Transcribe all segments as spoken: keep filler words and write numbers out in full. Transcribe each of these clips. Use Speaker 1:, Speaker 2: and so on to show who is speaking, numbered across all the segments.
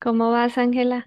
Speaker 1: ¿Cómo vas, Ángela?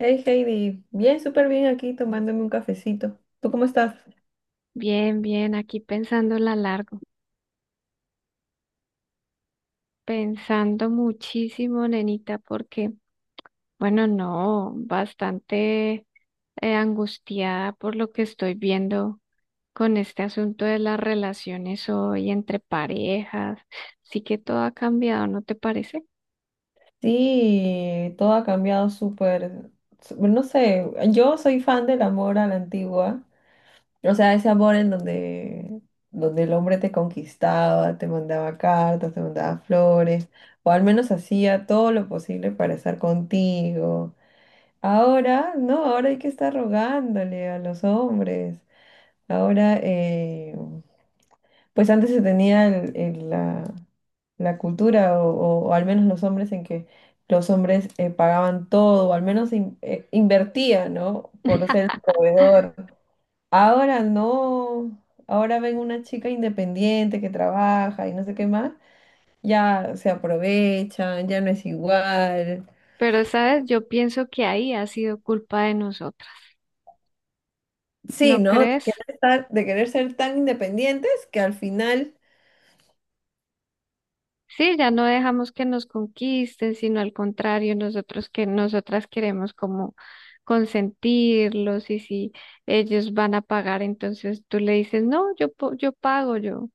Speaker 2: Hey Heidi, bien, súper bien aquí tomándome un cafecito. ¿Tú cómo estás?
Speaker 1: Bien, bien, aquí pensándola largo, pensando muchísimo, nenita, porque, bueno, no, bastante eh, angustiada por lo que estoy viendo con este asunto de las relaciones hoy entre parejas. Sí que todo ha cambiado, ¿no te parece?
Speaker 2: Sí, todo ha cambiado súper, su- no sé, yo soy fan del amor a la antigua, o sea, ese amor en donde, donde el hombre te conquistaba, te mandaba cartas, te mandaba flores, o al menos hacía todo lo posible para estar contigo. Ahora no, ahora hay que estar rogándole a los hombres. Ahora, eh, pues antes se tenía el- el- la, la cultura, o, o- o al menos los hombres, en que los hombres eh, pagaban todo, o al menos in- eh, invertían, ¿no? Por ser el proveedor. Ahora no, ahora ven una chica independiente que trabaja y no sé qué más, ya se aprovechan, ya no es igual.
Speaker 1: Pero, sabes, yo pienso que ahí ha sido culpa de nosotros,
Speaker 2: Sí,
Speaker 1: ¿no
Speaker 2: ¿no? De
Speaker 1: crees?
Speaker 2: querer estar, de querer ser tan independientes que al final...
Speaker 1: Sí, ya no dejamos que nos conquisten, sino al contrario, nosotros que nosotras queremos como consentirlos y si ellos van a pagar, entonces tú le dices, no, yo, po- yo pago, yo,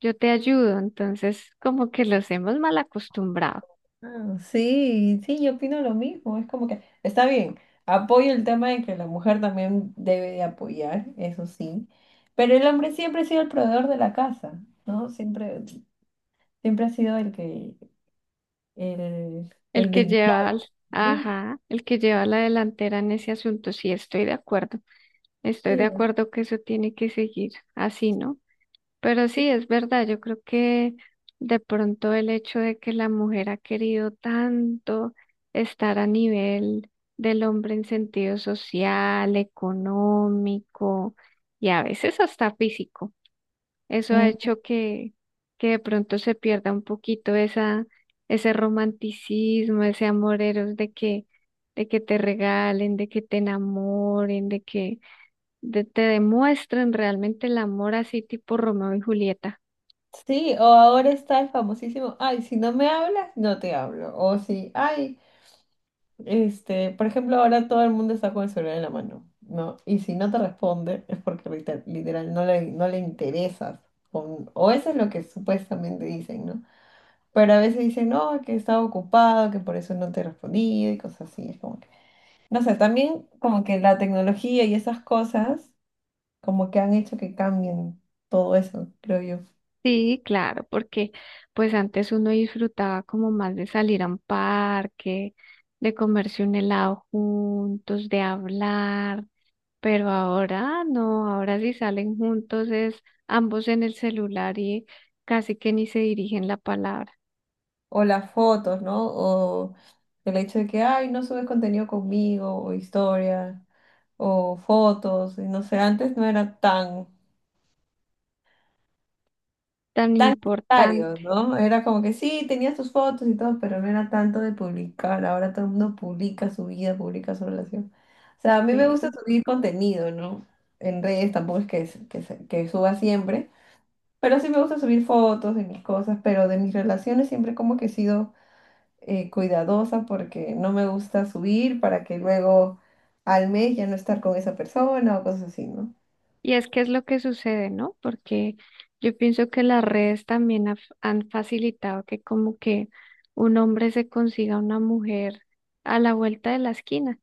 Speaker 1: yo te ayudo. Entonces, como que los hemos mal acostumbrado.
Speaker 2: Ah, sí, sí, yo opino lo mismo. Es como que está bien, apoyo el tema de que la mujer también debe de apoyar, eso sí, pero el hombre siempre ha sido el proveedor de la casa, ¿no? Siempre, siempre ha sido el que, el,
Speaker 1: El
Speaker 2: el
Speaker 1: que
Speaker 2: de...
Speaker 1: lleva, al-
Speaker 2: ¿no?
Speaker 1: ajá, el que lleva la delantera en ese asunto, sí, estoy de acuerdo. Estoy de
Speaker 2: Sí,
Speaker 1: acuerdo que eso tiene que seguir así, ¿no? Pero sí, es verdad, yo creo que de pronto el hecho de que la mujer ha querido tanto estar a nivel del hombre en sentido social, económico y a veces hasta físico, eso ha
Speaker 2: ujú.
Speaker 1: hecho que, que de pronto se pierda un poquito esa, ese romanticismo, ese amor eros de que, de que te regalen, de que te enamoren, de que de- te demuestren realmente el amor así tipo Romeo y Julieta.
Speaker 2: Sí, o ahora está el famosísimo, ay, si no me hablas, no te hablo. O si, ay, este, por ejemplo, ahora todo el mundo está con el celular en la mano, ¿no? Y si no te responde es porque lite- literal no le, no le interesas. Con- o eso es lo que supuestamente dicen, ¿no? Pero a veces dicen, no, que estaba ocupado, que por eso no te respondí y cosas así. Es como que, no sé, también como que la tecnología y esas cosas como que han hecho que cambien todo eso, creo yo.
Speaker 1: Sí, claro, porque pues antes uno disfrutaba como más de salir a un parque, de comerse un helado juntos, de hablar, pero ahora no, ahora si salen juntos es ambos en el celular y casi que ni se dirigen la palabra,
Speaker 2: O las fotos, ¿no? O el hecho de que, ay, no subes contenido conmigo, o historia, o fotos, y no sé, antes no era tan,
Speaker 1: tan
Speaker 2: tan necesario,
Speaker 1: importante.
Speaker 2: ¿no? Era como que sí, tenías tus fotos y todo, pero no era tanto de publicar, ahora todo el mundo publica su vida, publica su relación. O sea, a mí me gusta
Speaker 1: Sí.
Speaker 2: subir contenido, ¿no? En redes tampoco es que, que, se- que suba siempre, pero sí me gusta subir fotos de mis cosas, pero de mis relaciones siempre como que he sido eh, cuidadosa porque no me gusta subir para que luego al mes ya no estar con esa persona o cosas así, ¿no?
Speaker 1: Y es que es lo que sucede, ¿no? Porque yo pienso que las redes también ha- han facilitado que como que un hombre se consiga una mujer a la vuelta de la esquina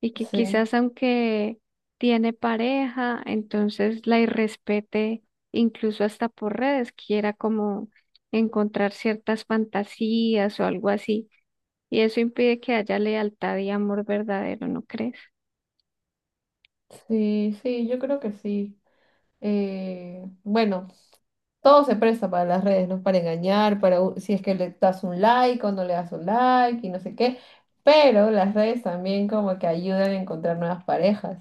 Speaker 1: y que
Speaker 2: Sí,
Speaker 1: quizás aunque tiene pareja, entonces la irrespete incluso hasta por redes, quiera como encontrar ciertas fantasías o algo así. Y eso impide que haya lealtad y amor verdadero, ¿no crees?
Speaker 2: sí, sí, yo creo que sí. Eh, bueno, todo se presta para las redes, ¿no? Para engañar, para u- si es que le das un like o no le das un like y no sé qué. Pero las redes también como que ayudan a encontrar nuevas parejas,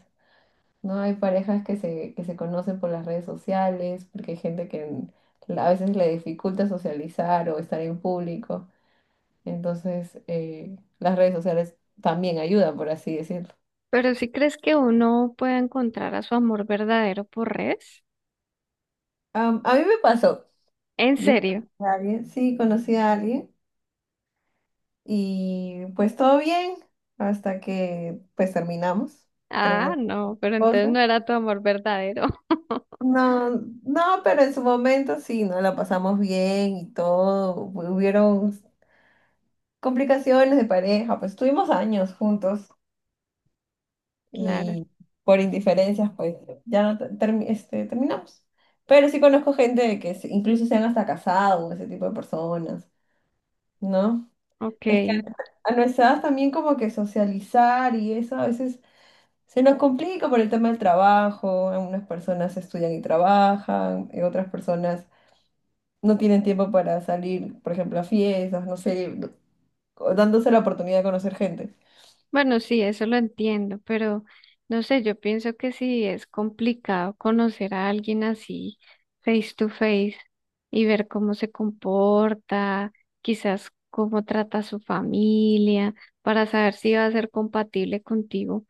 Speaker 2: ¿no? Hay parejas que se, que se conocen por las redes sociales, porque hay gente que en- a veces le dificulta socializar o estar en público. Entonces, eh, las redes sociales también ayudan, por así decirlo.
Speaker 1: ¿Pero si crees que uno puede encontrar a su amor verdadero por redes?
Speaker 2: Am, a mí me pasó.
Speaker 1: ¿En
Speaker 2: Yo
Speaker 1: serio?
Speaker 2: conocí a alguien, sí, conocí a alguien y pues todo bien hasta que pues terminamos,
Speaker 1: Ah,
Speaker 2: terminamos
Speaker 1: no, pero entonces
Speaker 2: cosas.
Speaker 1: no era tu amor verdadero.
Speaker 2: No, no, pero en su momento sí, no la pasamos bien y todo. Hubieron complicaciones de pareja, pues estuvimos años juntos.
Speaker 1: Claro,
Speaker 2: Y por indiferencias, pues ya no te- termi- este, terminamos. Pero sí conozco gente de que se- incluso se han hasta casado, ese tipo de personas, ¿no?
Speaker 1: ok.
Speaker 2: Es que a nuestra edad también como que socializar y eso a veces se nos complica por el tema del trabajo, algunas personas estudian y trabajan, y otras personas no tienen tiempo para salir, por ejemplo, a fiestas, no sé, o dándose la oportunidad de conocer gente.
Speaker 1: Bueno, sí, eso lo entiendo, pero no sé, yo pienso que sí es complicado conocer a alguien así face to face y ver cómo se comporta, quizás cómo trata a su familia, para saber si va a ser compatible contigo.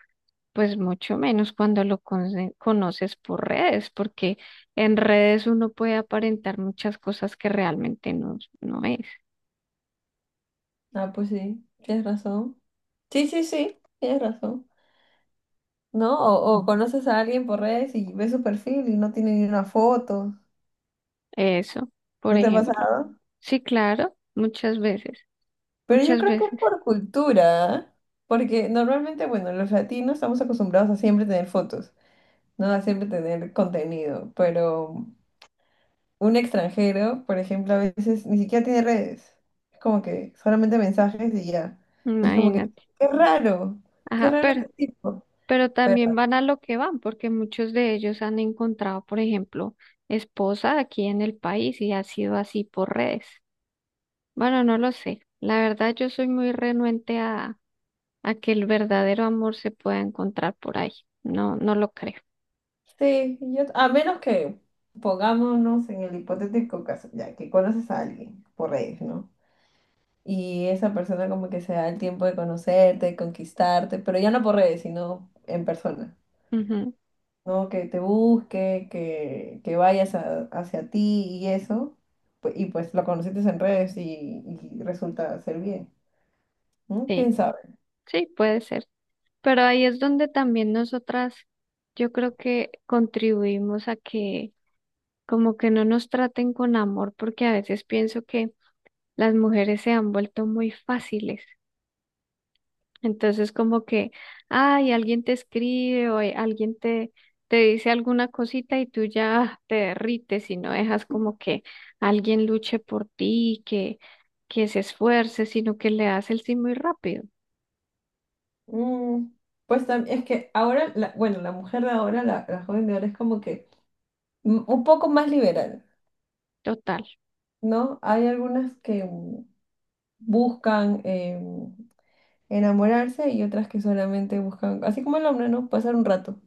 Speaker 1: Pues mucho menos cuando lo conce- conoces por redes, porque en redes uno puede aparentar muchas cosas que realmente no, no es.
Speaker 2: Ah, pues sí, tienes razón. Sí, sí, sí, tienes razón. ¿No? O, o conoces a alguien por redes y ves su perfil y no tiene ni una foto.
Speaker 1: Eso, por
Speaker 2: ¿No te ha
Speaker 1: ejemplo.
Speaker 2: pasado?
Speaker 1: Sí, claro, muchas veces,
Speaker 2: Pero yo
Speaker 1: muchas
Speaker 2: creo que es
Speaker 1: veces,
Speaker 2: por cultura, ¿ah? Porque normalmente, bueno, los latinos estamos acostumbrados a siempre tener fotos, ¿no? A siempre tener contenido, pero un extranjero, por ejemplo, a veces ni siquiera tiene redes. Es como que solamente mensajes y ya. Y es como que,
Speaker 1: imagínate.
Speaker 2: qué raro, qué
Speaker 1: Ajá,
Speaker 2: raro
Speaker 1: pero,
Speaker 2: este tipo.
Speaker 1: pero también van a lo que van, porque muchos de ellos han encontrado, por ejemplo, esposa aquí en el país y ha sido así por redes. Bueno, no lo sé. La verdad, yo soy muy renuente a a que el verdadero amor se pueda encontrar por ahí. No, no lo creo.
Speaker 2: Sí, yo, a menos que pongámonos en el hipotético caso, ya que conoces a alguien por redes, ¿no? Y esa persona como que se da el tiempo de conocerte, conquistarte, pero ya no por redes, sino en persona,
Speaker 1: Ujú.
Speaker 2: ¿no? Que te busque, que, que vayas a- hacia ti y eso, pu- y pues lo conociste en redes y, y resulta ser bien, ¿no? ¿Quién
Speaker 1: Sí,
Speaker 2: sabe?
Speaker 1: sí, puede ser. Pero ahí es donde también nosotras, yo creo que contribuimos a que como que no nos traten con amor, porque a veces pienso que las mujeres se han vuelto muy fáciles. Entonces, como que, ay, alguien te escribe o hay- alguien te, te dice alguna cosita y tú ya te derrites y no dejas como que alguien luche por ti, que, que se esfuerce, sino que le das el sí muy rápido.
Speaker 2: Mm, pues tam- es que ahora, la- bueno, la mujer de ahora, la, la joven de ahora es como que mm, un poco más liberal.
Speaker 1: Total,
Speaker 2: ¿No? Hay algunas que mm, buscan eh, enamorarse y otras que solamente buscan, así como el hombre, ¿no? Pasar un rato.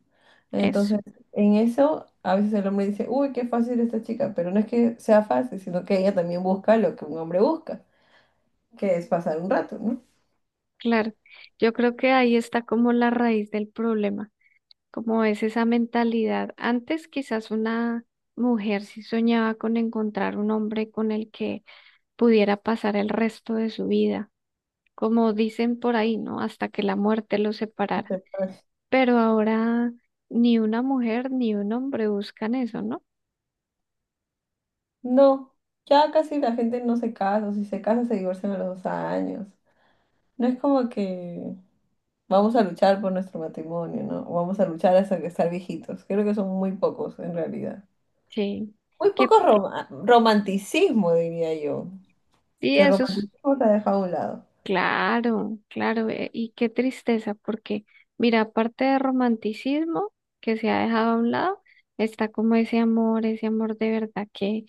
Speaker 1: eso,
Speaker 2: Entonces, en eso, a veces el hombre dice, uy, qué fácil esta chica, pero no es que sea fácil, sino que ella también busca lo que un hombre busca, que es pasar un rato, ¿no?
Speaker 1: claro. Yo creo que ahí está como la raíz del problema, como es esa mentalidad. Antes quizás una mujer sí soñaba con encontrar un hombre con el que pudiera pasar el resto de su vida como dicen por ahí, ¿no? Hasta que la muerte los separara.
Speaker 2: Entonces, pues,
Speaker 1: Pero ahora ni una mujer ni un hombre buscan eso, ¿no?
Speaker 2: no, ya casi la gente no se casa, o si se casa se divorcian a los dos años. No es como que vamos a luchar por nuestro matrimonio, ¿no? Vamos a luchar hasta que estar viejitos. Creo que son muy pocos, en realidad.
Speaker 1: Sí.
Speaker 2: Muy
Speaker 1: Que
Speaker 2: poco roma- romanticismo, diría yo.
Speaker 1: sí,
Speaker 2: Que el
Speaker 1: eso es
Speaker 2: romanticismo se ha dejado a un lado.
Speaker 1: claro, claro. eh, Y qué tristeza, porque mira, aparte de romanticismo que se ha dejado a un lado, está como ese amor, ese amor de verdad que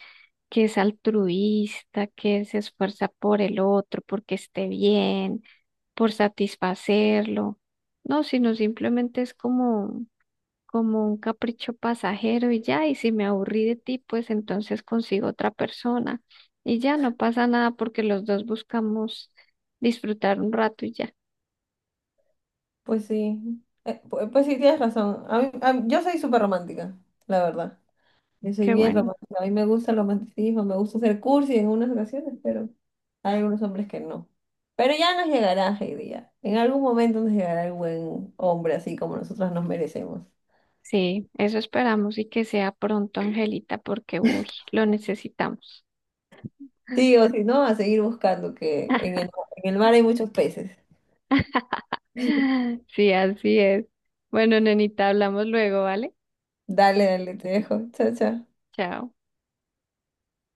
Speaker 1: que es altruista, que se esfuerza por el otro, porque esté bien, por satisfacerlo. No, sino simplemente es como, como un capricho pasajero y ya, y si me aburrí de ti, pues entonces consigo otra persona y ya no pasa nada porque los dos buscamos disfrutar un rato y ya.
Speaker 2: Pues sí, Eh, pu- pues, sí, tienes razón. A mí- a mí- yo soy súper romántica, la verdad. Yo soy
Speaker 1: Qué
Speaker 2: bien
Speaker 1: bueno.
Speaker 2: romántica. A mí me gusta el romanticismo, me gusta ser cursi en algunas ocasiones, pero hay algunos hombres que no. Pero ya nos llegará, Heidi, ya. En algún momento nos llegará el buen hombre así como nosotras nos merecemos.
Speaker 1: Sí, eso esperamos y que sea pronto, Angelita, porque uy, lo necesitamos.
Speaker 2: Sí, o si no, a seguir buscando, que en el, en el mar hay muchos peces.
Speaker 1: Sí, así es. Bueno, nenita, hablamos luego, ¿vale?
Speaker 2: Dale, dale, te dejo. Chao, chao.
Speaker 1: Chao.